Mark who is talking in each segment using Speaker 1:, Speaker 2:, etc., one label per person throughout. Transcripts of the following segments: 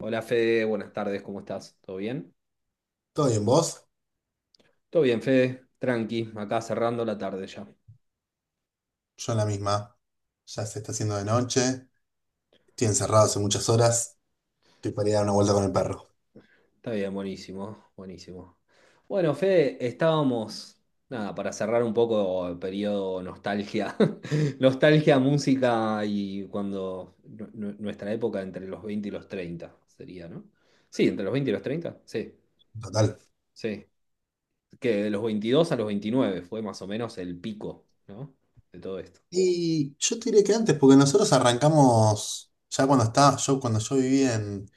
Speaker 1: Hola Fede, buenas tardes, ¿cómo estás? ¿Todo bien?
Speaker 2: ¿Todo bien vos?
Speaker 1: Todo bien, Fede, tranqui, acá cerrando la tarde ya.
Speaker 2: Yo en la misma. Ya se está haciendo de noche. Estoy encerrado hace muchas horas. Estoy para ir a dar una vuelta con el perro.
Speaker 1: Está bien, buenísimo, buenísimo. Bueno, Fede, estábamos, nada, para cerrar un poco el periodo nostalgia, nostalgia, música y cuando nuestra época entre los 20 y los 30, sería, ¿no? Sí, entre los 20 y los 30, sí,
Speaker 2: Total.
Speaker 1: sí. Que de los 22 a los 29 fue más o menos el pico, ¿no? De todo esto.
Speaker 2: Y yo te diré que antes, porque nosotros arrancamos, ya cuando estaba, yo cuando yo viví en,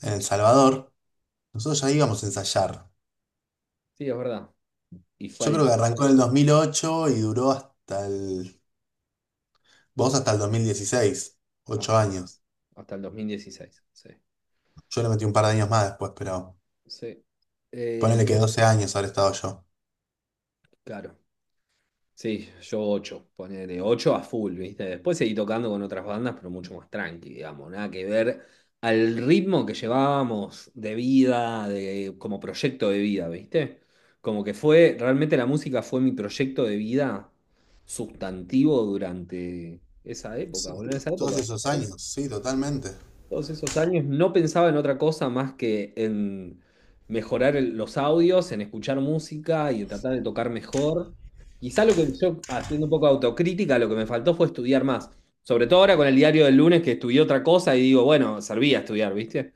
Speaker 2: en El Salvador, nosotros ya íbamos a ensayar.
Speaker 1: Sí, es verdad. Y
Speaker 2: Yo
Speaker 1: fue
Speaker 2: creo que arrancó en el 2008 y duró vos hasta el 2016,
Speaker 1: al-
Speaker 2: 8 años.
Speaker 1: hasta el 2016, sí.
Speaker 2: Yo le metí un par de años más después, pero
Speaker 1: Sí. Eh,
Speaker 2: ponele que 12 años habré estado yo.
Speaker 1: claro. Sí, yo 8, ponele 8 a full, ¿viste? Después seguí tocando con otras bandas, pero mucho más tranqui, digamos, nada que ver al ritmo que llevábamos de vida, de, como proyecto de vida, ¿viste? Como que fue, realmente la música fue mi proyecto de vida sustantivo durante esa época,
Speaker 2: Sí,
Speaker 1: boludo, en esa
Speaker 2: todos
Speaker 1: época.
Speaker 2: esos años, sí, totalmente.
Speaker 1: Todos esos años no pensaba en otra cosa más que en mejorar los audios, en escuchar música y en tratar de tocar mejor. Quizá lo que yo, haciendo un poco de autocrítica, lo que me faltó fue estudiar más. Sobre todo ahora con el diario del lunes que estudié otra cosa y digo, bueno, servía estudiar, ¿viste?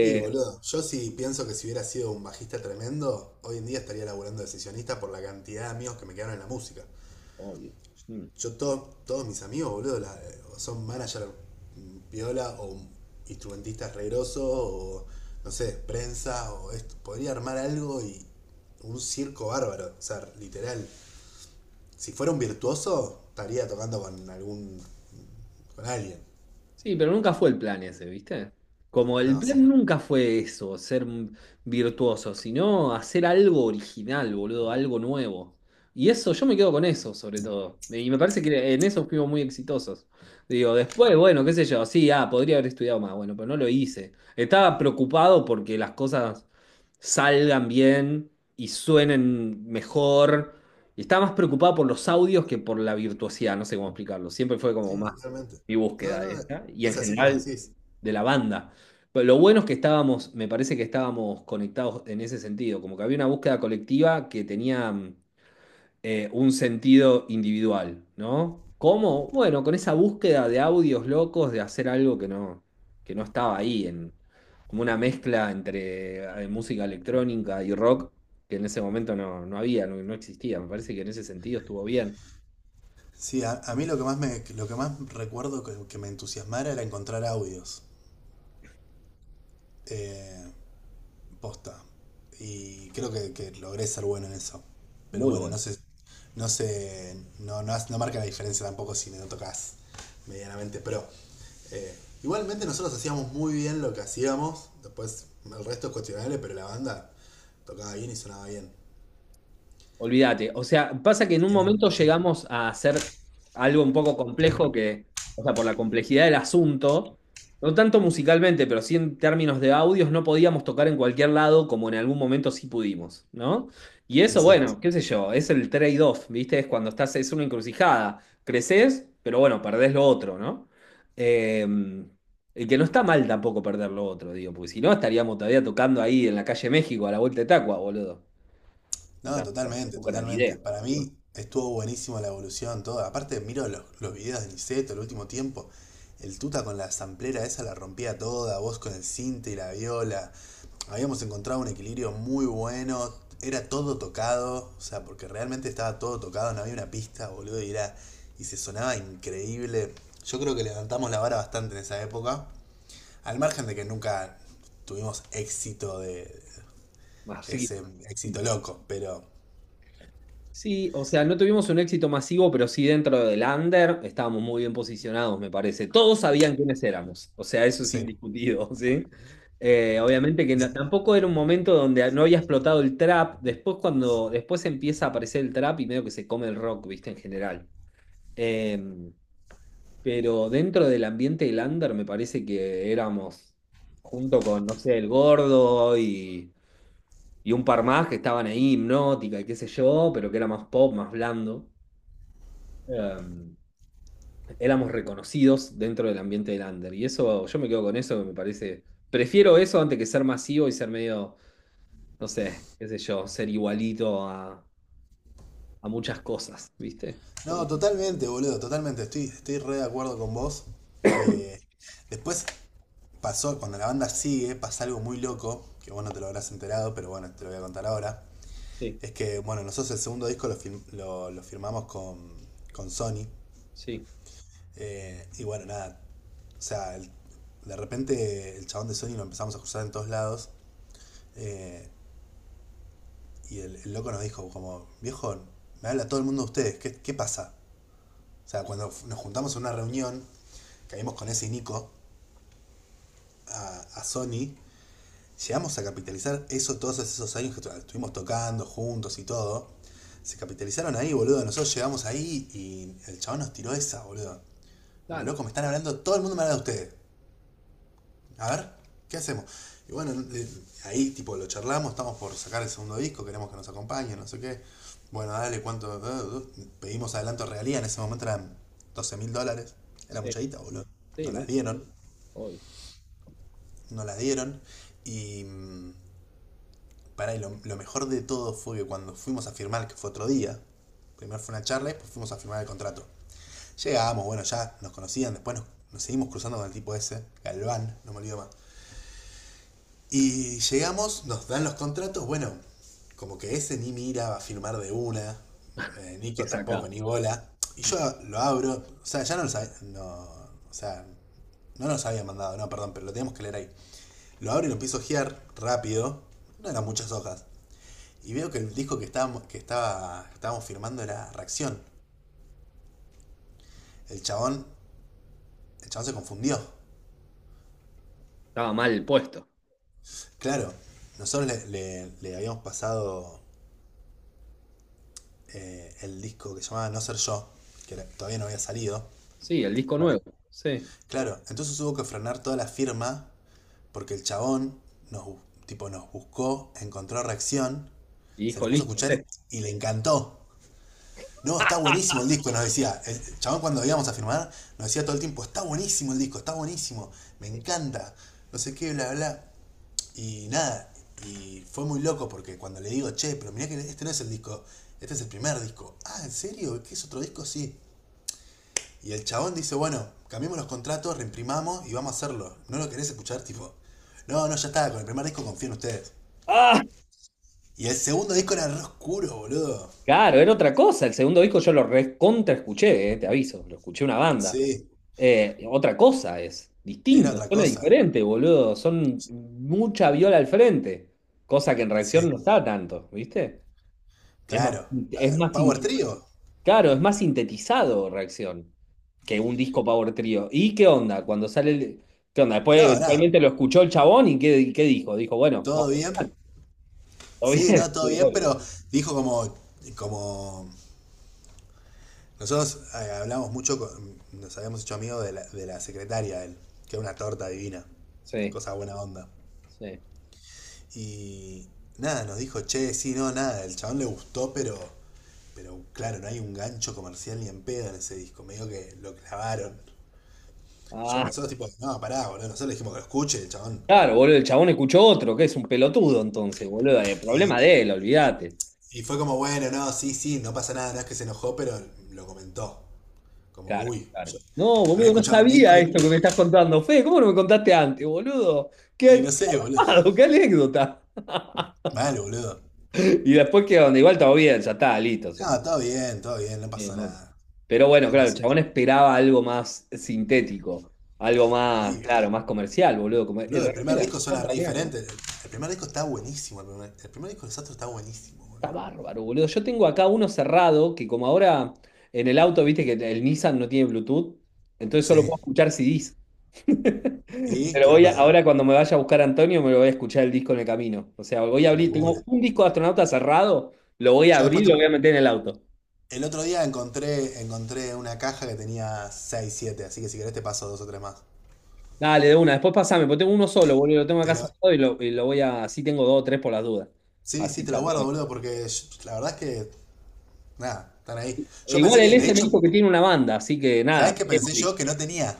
Speaker 2: Y boludo, yo sí pienso que si hubiera sido un bajista tremendo, hoy en día estaría laburando de sesionista por la cantidad de amigos que me quedaron en la música.
Speaker 1: obvio.
Speaker 2: Yo todos mis amigos, boludo, son manager piola o instrumentistas regrosos o no sé, prensa o esto. Podría armar algo y un circo bárbaro, o sea, literal. Si fuera un virtuoso, estaría tocando con alguien.
Speaker 1: Sí, pero nunca fue el plan ese, ¿viste? Como el
Speaker 2: No,
Speaker 1: plan
Speaker 2: sí,
Speaker 1: nunca fue eso, ser un virtuoso, sino hacer algo original, boludo, algo nuevo. Y eso, yo me quedo con eso, sobre todo. Y me parece que en eso fuimos muy exitosos. Digo, después, bueno, qué sé yo, sí, ah, podría haber estudiado más, bueno, pero no lo hice. Estaba preocupado porque las cosas salgan bien y suenen mejor. Y estaba más preocupado por los audios que por la virtuosidad, no sé cómo explicarlo. Siempre fue como
Speaker 2: sí,
Speaker 1: más
Speaker 2: totalmente.
Speaker 1: mi
Speaker 2: No,
Speaker 1: búsqueda
Speaker 2: no,
Speaker 1: esta, y en
Speaker 2: es así como
Speaker 1: general
Speaker 2: decís.
Speaker 1: de la banda. Pero lo bueno es que estábamos, me parece que estábamos conectados en ese sentido, como que había una búsqueda colectiva que tenía un sentido individual, ¿no? ¿Cómo? Bueno, con esa búsqueda de audios locos, de hacer algo que que no estaba ahí, en, como una mezcla entre música electrónica y rock, que en ese momento no había, no existía. Me parece que en ese sentido estuvo bien.
Speaker 2: Sí, a mí lo que más recuerdo que me entusiasmara era encontrar audios. eh, Posta. Y creo que logré ser bueno en eso. Pero
Speaker 1: Muy
Speaker 2: bueno, no
Speaker 1: bueno.
Speaker 2: sé, no sé, no, no, no marca la diferencia tampoco si no tocas medianamente pro. Eh, Igualmente nosotros hacíamos muy bien lo que hacíamos. Después el resto es cuestionable, pero la banda tocaba bien y sonaba bien.
Speaker 1: Olvídate. O sea, pasa que en un
Speaker 2: En el-
Speaker 1: momento
Speaker 2: en-
Speaker 1: llegamos a hacer algo un poco complejo o sea, por la complejidad del asunto, no tanto musicalmente, pero sí en términos de audios, no podíamos tocar en cualquier lado como en algún momento sí pudimos, ¿no? Y eso,
Speaker 2: exacto.
Speaker 1: bueno, qué sé yo, es el trade-off, ¿viste? Es cuando estás, es una encrucijada. Creces, pero bueno, perdés lo otro, ¿no? Eh, y que no está mal tampoco perder lo otro, digo, porque si no estaríamos todavía tocando ahí en la calle México a la vuelta de Tacua, boludo. Y
Speaker 2: No, totalmente,
Speaker 1: tampoco era la
Speaker 2: totalmente.
Speaker 1: idea.
Speaker 2: Para mí estuvo buenísimo la evolución, todo. Aparte, miro los videos de Niceto el último tiempo. El Tuta con la samplera esa la rompía toda, vos con el cinte y la viola. Habíamos encontrado un equilibrio muy bueno. Era todo tocado, o sea, porque realmente estaba todo tocado, no había una pista, boludo, y era. Y se sonaba increíble. Yo creo que levantamos la vara bastante en esa época. Al margen de que nunca tuvimos éxito de
Speaker 1: Así
Speaker 2: ese éxito loco, pero
Speaker 1: sí, o sea, no tuvimos un éxito masivo, pero sí dentro del under estábamos muy bien posicionados, me parece. Todos sabían quiénes éramos, o sea, eso es
Speaker 2: sí.
Speaker 1: indiscutido, ¿sí? Obviamente que
Speaker 2: De-
Speaker 1: tampoco era un momento donde no había explotado el trap. Después, cuando después empieza a aparecer el trap y medio que se come el rock, viste, en general. Em, pero dentro del ambiente del under me parece que éramos junto con, no sé, el Gordo y un par más que estaban ahí, Hipnótica y qué sé yo, pero que era más pop, más blando. Em, éramos reconocidos dentro del ambiente del under. Y eso, yo me quedo con eso, que me parece. Prefiero eso antes que ser masivo y ser medio, no sé, qué sé yo, ser igualito a muchas cosas, ¿viste?
Speaker 2: No,
Speaker 1: Como-
Speaker 2: totalmente, boludo, totalmente. Estoy re de acuerdo con vos. Eh, Después pasó, cuando la banda sigue, pasa algo muy loco, que vos no te lo habrás enterado, pero bueno, te lo voy a contar ahora.
Speaker 1: sí,
Speaker 2: Es que, bueno, nosotros el segundo disco lo firmamos con Sony.
Speaker 1: sí,
Speaker 2: Y bueno, nada, o sea, de repente el chabón de Sony lo empezamos a cruzar en todos lados. eh, y el loco nos dijo, como, viejo, me habla todo el mundo de ustedes, ¿qué pasa? O sea, cuando nos juntamos en una reunión, caímos con ese Nico a Sony, llegamos a capitalizar eso todos esos años que estuvimos tocando juntos y todo. Se capitalizaron ahí, boludo. Nosotros llegamos ahí y el chabón nos tiró esa, boludo. Como
Speaker 1: claro,
Speaker 2: loco, me están hablando, todo el mundo me habla de ustedes. A ver, ¿qué hacemos? Y bueno, ahí tipo lo charlamos, estamos por sacar el segundo disco, queremos que nos acompañen, no sé qué. Bueno, dale, ¿cuánto? Pedimos adelanto realía, en ese momento eran 12.000 dólares. Era
Speaker 1: sí,
Speaker 2: mucha guita, boludo.
Speaker 1: sí,
Speaker 2: Nos las
Speaker 1: mucho.
Speaker 2: dieron.
Speaker 1: Obvio.
Speaker 2: No la dieron. Y para lo mejor de todo fue que cuando fuimos a firmar, que fue otro día, primero fue una charla y después fuimos a firmar el contrato. Llegamos, bueno, ya nos conocían, después nos seguimos cruzando con el tipo ese, Galván, no me olvido más. Y llegamos, nos dan los contratos, bueno, como que ese ni mira, va a firmar de una,
Speaker 1: ¿Qué
Speaker 2: Nico tampoco,
Speaker 1: saca?
Speaker 2: ni bola. Y yo lo abro, o sea, ya no lo sabía, no, o sea, no nos habían mandado, no, perdón, pero lo teníamos que leer ahí. Lo abro y lo empiezo a ojear rápido. No eran muchas hojas. Y veo que el disco que estábamos, que estaba, estábamos firmando era Reacción. El chabón, el chabón se confundió.
Speaker 1: Estaba mal puesto.
Speaker 2: Claro, nosotros le habíamos pasado el disco que se llamaba No Ser Yo, todavía no había salido.
Speaker 1: Sí, el disco
Speaker 2: para-
Speaker 1: nuevo, sí.
Speaker 2: Claro, entonces hubo que frenar toda la firma porque el chabón nos, tipo, nos buscó, encontró Reacción,
Speaker 1: Y
Speaker 2: se
Speaker 1: dijo,
Speaker 2: lo puso a
Speaker 1: listo, sí.
Speaker 2: escuchar y le encantó. No, está buenísimo el disco, nos decía. El chabón cuando íbamos a firmar, nos decía todo el tiempo, está buenísimo el disco, está buenísimo, me encanta, no sé qué, bla, bla. Y nada, y fue muy loco porque cuando le digo, che, pero mirá que este no es el disco, este es el primer disco. Ah, ¿en serio? ¿Qué es otro disco? Sí. Y el chabón dice, bueno, cambiemos los contratos, reimprimamos y vamos a hacerlo. ¿No lo querés escuchar? Tipo, no, no, ya está, con el primer disco confío en ustedes.
Speaker 1: ¡Ah!
Speaker 2: Y el segundo disco era re oscuro, boludo.
Speaker 1: Claro, era otra cosa. El segundo disco yo lo recontra escuché, te aviso, lo escuché una banda.
Speaker 2: Sí,
Speaker 1: Otra cosa es,
Speaker 2: era
Speaker 1: distinto,
Speaker 2: otra
Speaker 1: suena
Speaker 2: cosa.
Speaker 1: diferente, boludo. Son mucha viola al frente, cosa que en reacción
Speaker 2: Sí.
Speaker 1: no está tanto, ¿viste? Es más,
Speaker 2: Claro. Power
Speaker 1: sinte-
Speaker 2: Trio.
Speaker 1: claro, es más sintetizado reacción que un disco Power Trio. ¿Y qué onda? Cuando sale ¿qué onda? Después
Speaker 2: No, nada,
Speaker 1: eventualmente lo escuchó el chabón y ¿qué dijo? Dijo, bueno,
Speaker 2: todo
Speaker 1: vamos,
Speaker 2: bien.
Speaker 1: todo
Speaker 2: Sí,
Speaker 1: bien.
Speaker 2: no, todo
Speaker 1: Sí,
Speaker 2: bien,
Speaker 1: obvio.
Speaker 2: pero dijo como, nosotros hablamos mucho, nos habíamos hecho amigos de la secretaria, de él, que era una torta divina,
Speaker 1: Sí.
Speaker 2: cosa buena onda.
Speaker 1: Sí.
Speaker 2: Y nada, nos dijo, che, sí, no, nada, el chabón le gustó, pero claro, no hay un gancho comercial ni en pedo en ese disco, medio que lo clavaron. Yo,
Speaker 1: Ah.
Speaker 2: nosotros tipo, no, pará, boludo, nosotros le dijimos que lo escuche, el chabón.
Speaker 1: Claro, boludo, el chabón escuchó otro, que es un pelotudo entonces, boludo. El problema de él, olvídate.
Speaker 2: Y fue como, bueno, no, sí, sí, no pasa nada, no es que se enojó, pero lo comentó. Como,
Speaker 1: Claro,
Speaker 2: uy, yo
Speaker 1: claro. No,
Speaker 2: había
Speaker 1: boludo, no
Speaker 2: escuchado un disco
Speaker 1: sabía
Speaker 2: y,
Speaker 1: esto que me estás contando. Fede, ¿cómo no me contaste antes, boludo?
Speaker 2: y
Speaker 1: Qué
Speaker 2: no sé, boludo.
Speaker 1: armado, qué anécdota.
Speaker 2: Mal, boludo.
Speaker 1: Y después que donde igual todo bien, ya está, listo.
Speaker 2: No, todo bien, no pasó
Speaker 1: No.
Speaker 2: nada.
Speaker 1: Pero bueno,
Speaker 2: No
Speaker 1: claro, el
Speaker 2: pasó.
Speaker 1: chabón esperaba algo más sintético, algo más,
Speaker 2: Y,
Speaker 1: claro, más comercial, boludo. Como-
Speaker 2: boludo, el primer
Speaker 1: re-
Speaker 2: disco suena
Speaker 1: contra
Speaker 2: re
Speaker 1: mierda.
Speaker 2: diferente. El primer disco está buenísimo. El primer disco de Sastro está buenísimo,
Speaker 1: Está
Speaker 2: boludo.
Speaker 1: bárbaro, boludo. Yo tengo acá uno cerrado que como ahora en el auto, viste que el Nissan no tiene Bluetooth, entonces solo
Speaker 2: Sí.
Speaker 1: puedo escuchar CDs.
Speaker 2: ¿Y
Speaker 1: Pero
Speaker 2: qué onda?
Speaker 1: ahora cuando me vaya a buscar a Antonio, me lo voy a escuchar el disco en el camino. O sea, voy a
Speaker 2: De
Speaker 1: abrir,
Speaker 2: una.
Speaker 1: tengo un disco de astronauta cerrado, lo voy a
Speaker 2: Yo
Speaker 1: abrir
Speaker 2: después
Speaker 1: y lo voy a meter en el auto.
Speaker 2: el otro día encontré una caja que tenía 6 siete, así que si querés te paso dos o tres más.
Speaker 1: Dale, de una, después pasame, porque tengo uno solo, boludo, lo tengo acá
Speaker 2: Pero
Speaker 1: cerrado y y lo voy a, así tengo dos o tres por las dudas.
Speaker 2: sí, sí,
Speaker 1: Así
Speaker 2: te los guardo,
Speaker 1: chapeo.
Speaker 2: boludo, porque la verdad es que, nada, están ahí. Yo pensé
Speaker 1: Igual el
Speaker 2: que, de
Speaker 1: S me
Speaker 2: hecho,
Speaker 1: dijo que tiene una banda, así que
Speaker 2: ¿sabés
Speaker 1: nada,
Speaker 2: qué
Speaker 1: tenemos
Speaker 2: pensé
Speaker 1: disco.
Speaker 2: yo? Que no tenía.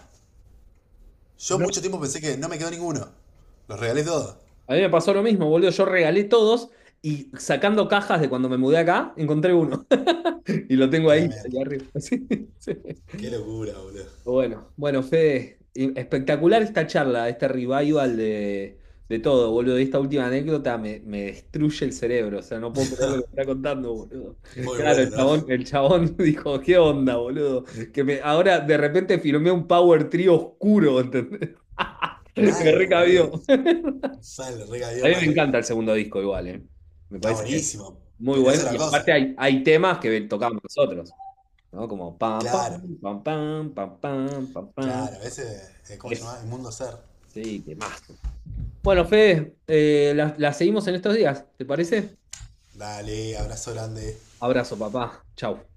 Speaker 2: Yo mucho tiempo pensé que no me quedó ninguno. Los regalé todos.
Speaker 1: A mí me pasó lo mismo, boludo. Yo regalé todos y sacando cajas de cuando me mudé acá, encontré uno. Y lo tengo ahí,
Speaker 2: Tremendo.
Speaker 1: ahí arriba. Sí, sí.
Speaker 2: Qué locura, boludo.
Speaker 1: Bueno, bueno, Fede, espectacular esta charla, este revival de todo, boludo. Y esta última anécdota me destruye el cerebro. O sea, no puedo creer lo que me está contando, boludo.
Speaker 2: Muy
Speaker 1: Claro,
Speaker 2: bueno, ¿no?
Speaker 1: el chabón dijo, ¿qué onda, boludo? Que me, ahora de repente firmé un power trio oscuro, ¿entendés? Me
Speaker 2: Mal, boludo.
Speaker 1: recabió.
Speaker 2: Mal,
Speaker 1: A
Speaker 2: regaló
Speaker 1: mí me
Speaker 2: mal.
Speaker 1: encanta el segundo disco igual, ¿eh? Me
Speaker 2: Está
Speaker 1: parece
Speaker 2: buenísimo,
Speaker 1: muy
Speaker 2: pero eso
Speaker 1: bueno.
Speaker 2: es la
Speaker 1: Y aparte
Speaker 2: cosa.
Speaker 1: hay temas que tocamos nosotros, ¿no? Como pam,
Speaker 2: Claro,
Speaker 1: pam, pam, pam, pam, pam, pam, pam.
Speaker 2: claro. Ese, ¿cómo se
Speaker 1: Eso,
Speaker 2: llama? El mundo ser.
Speaker 1: sí, temazo. Bueno, Fede, la seguimos en estos días, ¿te parece?
Speaker 2: Dale, abrazo grande.
Speaker 1: Abrazo, papá. Chau.